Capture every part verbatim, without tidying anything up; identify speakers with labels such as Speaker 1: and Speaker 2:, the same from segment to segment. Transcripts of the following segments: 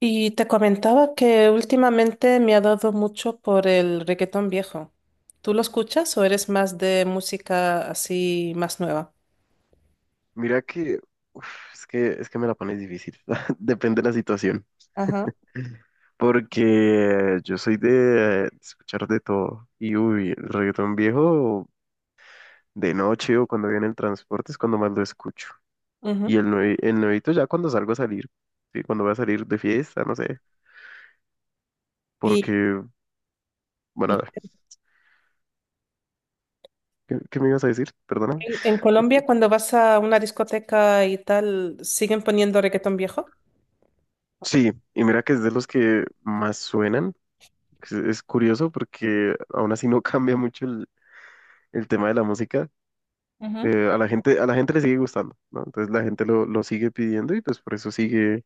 Speaker 1: Y te comentaba que últimamente me ha dado mucho por el reggaetón viejo. ¿Tú lo escuchas o eres más de música así más nueva?
Speaker 2: Mira que, uf, es que, es que me la pones difícil. Depende de la situación.
Speaker 1: Ajá.
Speaker 2: Porque yo soy de eh, escuchar de todo. Y uy, el reggaetón viejo de noche o cuando viene el transporte es cuando más lo escucho. Y
Speaker 1: Ujú.
Speaker 2: el, nue- el nuevito ya cuando salgo a salir. Sí, cuando voy a salir de fiesta, no sé.
Speaker 1: Y
Speaker 2: Porque, bueno, a ver, ¿qué, qué me ibas a decir? Perdona.
Speaker 1: en, en Colombia, cuando vas a una discoteca y tal, ¿siguen poniendo reggaetón viejo?
Speaker 2: Sí, y mira que es de los que más suenan. Es es curioso porque aún así no cambia mucho el el tema de la música
Speaker 1: Ujú.
Speaker 2: eh, a la gente, a la gente le sigue gustando, ¿no? Entonces la gente lo, lo sigue pidiendo y pues por eso sigue,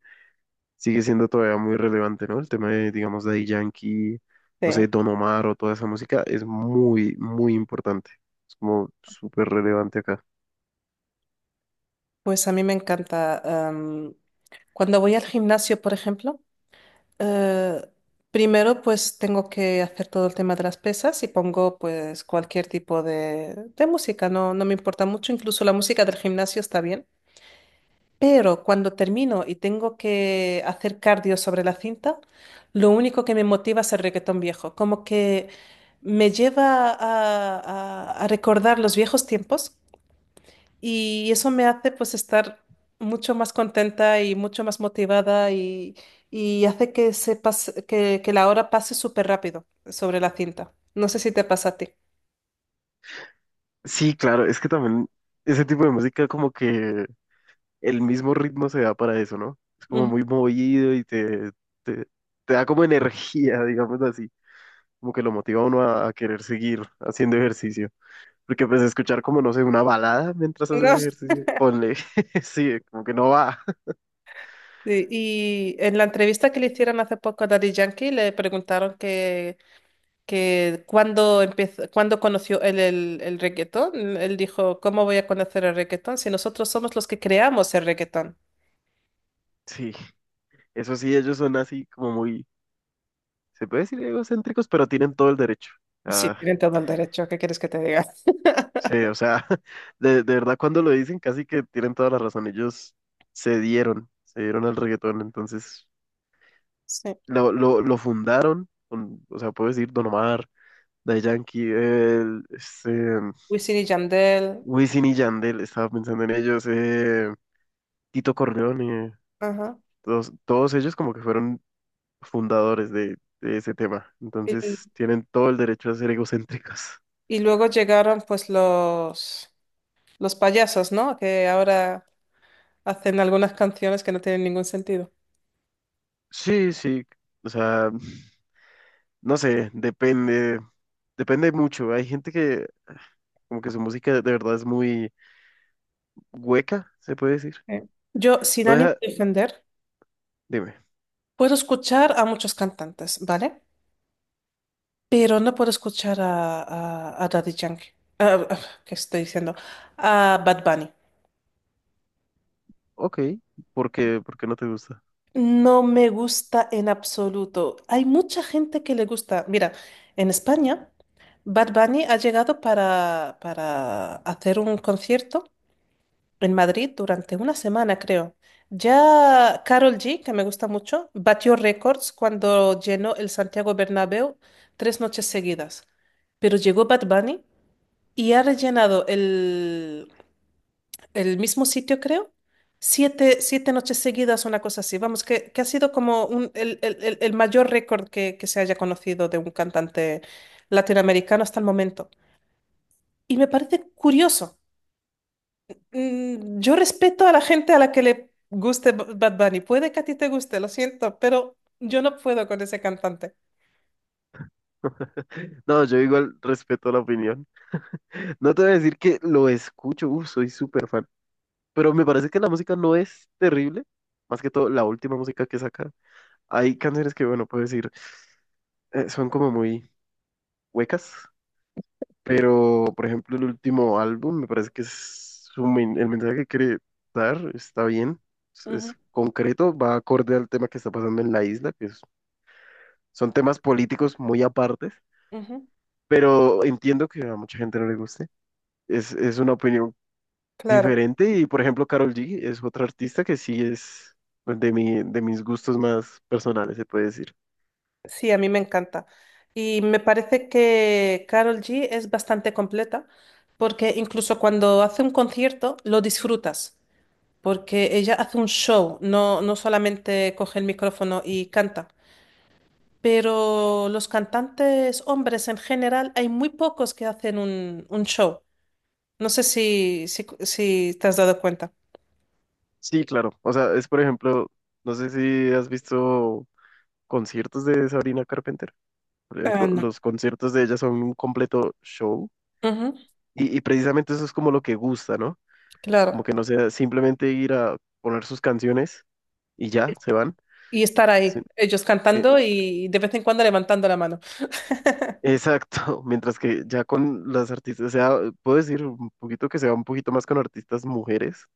Speaker 2: sigue siendo todavía muy relevante, ¿no? El tema de, digamos, Daddy Yankee, no
Speaker 1: Sí.
Speaker 2: sé, Don Omar o toda esa música es muy, muy importante. Es como súper relevante acá.
Speaker 1: Pues a mí me encanta. Am, cuando voy al gimnasio, por ejemplo, Eh, primero, pues tengo que hacer todo el tema de las pesas y pongo pues cualquier tipo de, de música. No, no me importa mucho, incluso la música del gimnasio está bien. Pero cuando termino y tengo que hacer cardio sobre la cinta, lo único que me motiva es el reggaetón viejo, como que me lleva a, a a recordar los viejos tiempos, y eso me hace pues estar mucho más contenta y mucho más motivada, y, y hace que se pase- que, que la hora pase súper rápido sobre la cinta. No sé si te pasa a ti.
Speaker 2: Sí, claro, es que también ese tipo de música como que el mismo ritmo se da para eso, ¿no? Es como
Speaker 1: Ujú.
Speaker 2: muy movido y te, te, te da como energía, digamos así, como que lo motiva a uno a a querer seguir haciendo ejercicio. Porque pues escuchar como, no sé, una balada mientras haces
Speaker 1: No.
Speaker 2: ejercicio, ponle, sí, como que no va.
Speaker 1: Sí. Y en la entrevista que le hicieron hace poco a Daddy Yankee le preguntaron que, que cuándo empezó, cuándo conoció él el, el reggaetón. Él dijo: «¿Cómo voy a conocer el reggaetón si nosotros somos los que creamos el reggaetón?».
Speaker 2: Sí, eso sí, ellos son así como muy, se puede decir egocéntricos, pero tienen todo el derecho.
Speaker 1: Sí,
Speaker 2: Ah,
Speaker 1: tienen todo el derecho, ¿qué quieres que te diga?
Speaker 2: sí, o sea, de, de verdad cuando lo dicen casi que tienen toda la razón. Ellos se dieron, se dieron al reggaetón, entonces
Speaker 1: Sí.
Speaker 2: lo, lo, lo fundaron, con- o sea, puedo decir Don Omar, Daddy Yankee, el, este,
Speaker 1: Wisin y Yandel.
Speaker 2: Wisin y Yandel, estaba pensando en ellos, eh, Tito Corleone.
Speaker 1: Ajá.
Speaker 2: Todos, todos ellos como que fueron fundadores de, de ese tema.
Speaker 1: Y,
Speaker 2: Entonces tienen todo el derecho a ser egocéntricos.
Speaker 1: y luego llegaron pues los, los payasos, ¿no?, que ahora hacen algunas canciones que no tienen ningún sentido.
Speaker 2: Sí, sí. O sea, no sé, depende, depende mucho. Hay gente que como que su música de verdad es muy hueca, se puede decir.
Speaker 1: Sí. Yo, sin
Speaker 2: No
Speaker 1: ánimo
Speaker 2: deja,
Speaker 1: de defender,
Speaker 2: dime,
Speaker 1: puedo escuchar a muchos cantantes, ¿vale? Pero no puedo escuchar a, a, a Daddy Yankee. Ah, ah, ¿qué estoy diciendo? A Bad Bunny.
Speaker 2: ok, ¿por qué, por qué no te gusta?
Speaker 1: No me gusta en absoluto. Hay mucha gente que le gusta. Mira, en España, Bad Bunny ha llegado para, para hacer un concierto en Madrid durante una semana, creo. Ya Carol G, que me gusta mucho, batió récords cuando llenó el Santiago Bernabéu tres noches seguidas. Pero llegó Bad Bunny y ha rellenado el, el mismo sitio, creo. Siete, siete noches seguidas, una cosa así. Vamos, que, que ha sido como un- el, el- el- el mayor récord que, que se haya conocido de un cantante latinoamericano hasta el momento. Y me parece curioso. Mm, Yo respeto a la gente a la que le guste B- Bad Bunny. Puede que a ti te guste, lo siento, pero yo no puedo con ese cantante.
Speaker 2: No, yo igual respeto la opinión. No te voy a decir que lo escucho, uf, soy súper fan. Pero me parece que la música no es terrible, más que todo la última música que saca. Hay canciones que, bueno, puedo decir, eh, son como muy huecas, pero por ejemplo el último álbum me parece que es su men- el mensaje que quiere dar está bien, es, es
Speaker 1: Ujú,
Speaker 2: concreto, va acorde al tema que está pasando en la isla, que es- son temas políticos muy apartes,
Speaker 1: ujú.
Speaker 2: pero entiendo que a mucha gente no le guste. Es, es una opinión
Speaker 1: Claro.
Speaker 2: diferente y por ejemplo Karol G es otra artista que sí es pues, de mi, de mis gustos más personales, se puede decir.
Speaker 1: Sí, a mí me encanta. Y me parece que Carol G es bastante completa, porque incluso cuando hace un concierto lo disfrutas, porque ella hace un show, no, no solamente coge el micrófono y canta. Pero los cantantes hombres en general, hay muy pocos que hacen un, un show. No sé si, si, si te has dado cuenta.
Speaker 2: Sí, claro. O sea, es por ejemplo, no sé si has visto conciertos de Sabrina Carpenter. Por
Speaker 1: Ah,
Speaker 2: ejemplo,
Speaker 1: no.
Speaker 2: los conciertos de ella son un completo show
Speaker 1: Ujú,
Speaker 2: y, y precisamente eso es como lo que gusta, ¿no? Como
Speaker 1: claro.
Speaker 2: que no sea simplemente ir a poner sus canciones y ya, se van.
Speaker 1: Y estar
Speaker 2: Sí,
Speaker 1: ahí, ellos
Speaker 2: eh,
Speaker 1: cantando y de vez en cuando levantando la mano.
Speaker 2: exacto. Mientras que ya con las artistas, o sea, puedo decir un poquito que se va un poquito más con artistas mujeres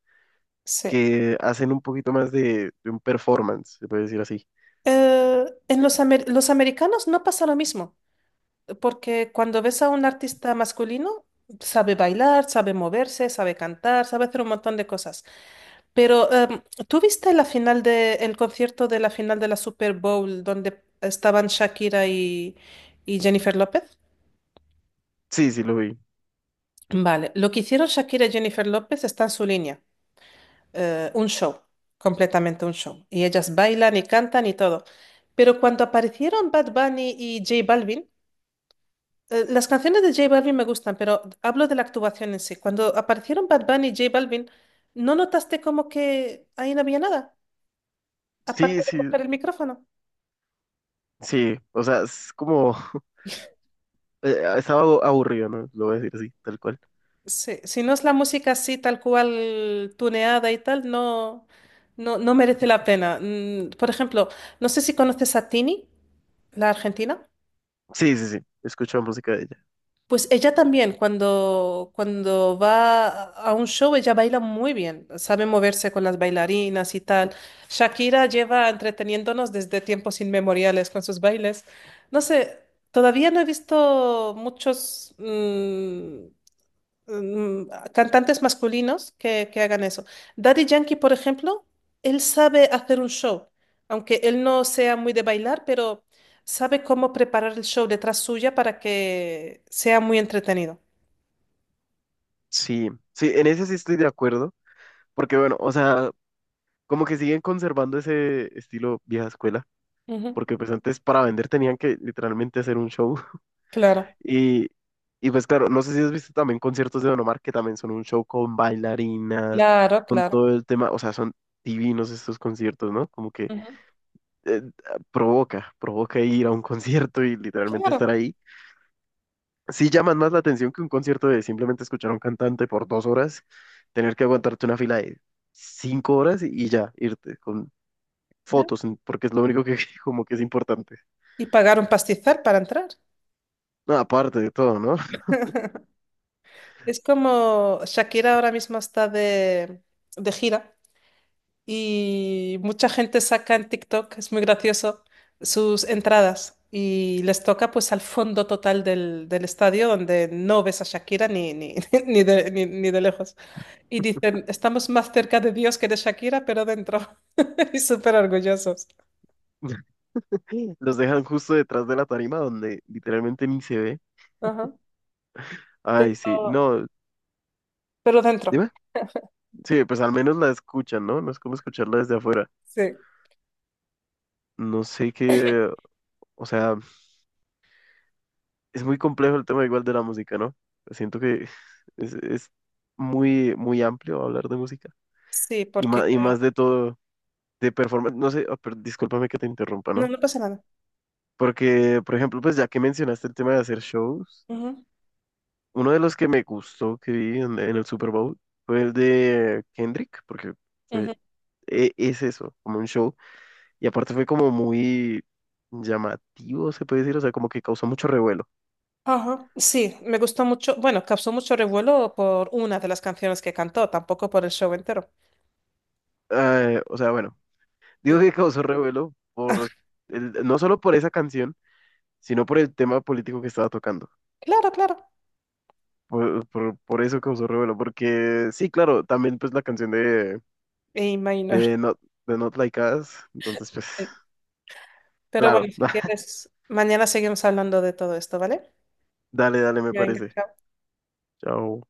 Speaker 1: Sí.
Speaker 2: que hacen un poquito más de, de un performance, se puede decir así.
Speaker 1: Eh, en los, amer- los americanos no pasa lo mismo, porque cuando ves a un artista masculino, sabe bailar, sabe moverse, sabe cantar, sabe hacer un montón de cosas. Pero, em, ¿tú viste la final de, el concierto de la final de la Super Bowl donde estaban Shakira y, y Jennifer López?
Speaker 2: Sí, sí, lo vi.
Speaker 1: Vale, lo que hicieron Shakira y Jennifer López está en su línea, eh, un show, completamente un show. Y ellas bailan y cantan y todo. Pero cuando aparecieron Bad Bunny y J Balvin. Eh, Las canciones de J Balvin me gustan, pero hablo de la actuación en sí. Cuando aparecieron Bad Bunny y J Balvin, ¿no notaste como que ahí no había nada? Aparte
Speaker 2: Sí,
Speaker 1: de
Speaker 2: sí,
Speaker 1: coger el micrófono.
Speaker 2: Sí, o sea, es como... eh, estaba abu- aburrido, ¿no? Lo voy a decir así, tal cual.
Speaker 1: Sí, si no es la música así, tal cual, tuneada y tal, no, no, no merece la pena. Mm, Por ejemplo, no sé si conoces a Tini, la argentina.
Speaker 2: Sí, sí, sí, escucho música de ella.
Speaker 1: Pues ella también, cuando, cuando va a a un show, ella baila muy bien, sabe moverse con las bailarinas y tal. Shakira lleva entreteniéndonos desde tiempos inmemoriales con sus bailes. No sé, todavía no he visto muchos, mm, mm, cantantes masculinos que, que hagan eso. Daddy Yankee, por ejemplo, él sabe hacer un show, aunque él no sea muy de bailar, pero sabe cómo preparar el show detrás suya para que sea muy entretenido.
Speaker 2: Sí, sí, en eso sí estoy de acuerdo, porque bueno, o sea, como que siguen conservando ese estilo vieja escuela,
Speaker 1: Ujú.
Speaker 2: porque pues antes para vender tenían que literalmente hacer un show.
Speaker 1: Claro,
Speaker 2: Y, y pues claro, no sé si has visto también conciertos de Don Omar, que también son un show con bailarinas,
Speaker 1: claro,
Speaker 2: con
Speaker 1: claro.
Speaker 2: todo el tema, o sea, son divinos estos conciertos, ¿no? Como que
Speaker 1: Ujú.
Speaker 2: eh, provoca, provoca ir a un concierto y literalmente estar
Speaker 1: Claro.
Speaker 2: ahí. Sí llaman más la atención que un concierto de simplemente escuchar a un cantante por dos horas, tener que aguantarte una fila de cinco horas y, y ya, irte con fotos, en- porque es lo único que como que es importante.
Speaker 1: Y pagar un pastizal para entrar.
Speaker 2: No, aparte de todo, ¿no?
Speaker 1: Es como Shakira, ahora mismo está de, de gira, y mucha gente saca en TikTok, es muy gracioso, sus entradas y les toca pues al fondo total del, del estadio donde no ves a Shakira ni, ni, ni, de, ni, ni de lejos. Y dicen: «Estamos más cerca de Dios que de Shakira, pero dentro». Y súper orgullosos.
Speaker 2: Los dejan justo detrás de la tarima donde literalmente ni se ve.
Speaker 1: Ajá.
Speaker 2: Ay, sí,
Speaker 1: Pero,
Speaker 2: no,
Speaker 1: pero dentro.
Speaker 2: dime. Sí, pues al menos la escuchan, ¿no? No es como escucharla desde afuera.
Speaker 1: Sí.
Speaker 2: No sé qué, o sea, es muy complejo el tema igual de la música, ¿no? Siento que es, es muy, muy amplio hablar de música
Speaker 1: Sí,
Speaker 2: y
Speaker 1: porque
Speaker 2: más, y
Speaker 1: creo.
Speaker 2: más de todo de performance, no sé, oh, pero discúlpame que te interrumpa,
Speaker 1: No,
Speaker 2: ¿no?
Speaker 1: no pasa nada.
Speaker 2: Porque, por ejemplo, pues ya que mencionaste el tema de hacer shows,
Speaker 1: Ujú,
Speaker 2: uno de los que me gustó que vi en, en el Super Bowl fue el de Kendrick, porque fue,
Speaker 1: ujú.
Speaker 2: e- es eso, como un show, y aparte fue como muy llamativo, se puede decir, o sea, como que causó mucho revuelo.
Speaker 1: Ajá. Sí, me gustó mucho. Bueno, causó mucho revuelo por una de las canciones que cantó, tampoco por el show entero.
Speaker 2: Eh, o sea, bueno, digo que causó revuelo por
Speaker 1: Ah,
Speaker 2: el- no solo por esa canción, sino por el tema político que estaba tocando.
Speaker 1: claro, claro,
Speaker 2: Por, por, por eso causó revuelo, porque sí, claro, también pues la canción de,
Speaker 1: me imagino.
Speaker 2: de Not, de Not Like Us, entonces pues,
Speaker 1: Pero bueno,
Speaker 2: claro,
Speaker 1: si quieres, mañana seguimos hablando de todo esto, ¿vale?
Speaker 2: dale, dale, me
Speaker 1: Ya. Venga,
Speaker 2: parece.
Speaker 1: chao.
Speaker 2: Chao.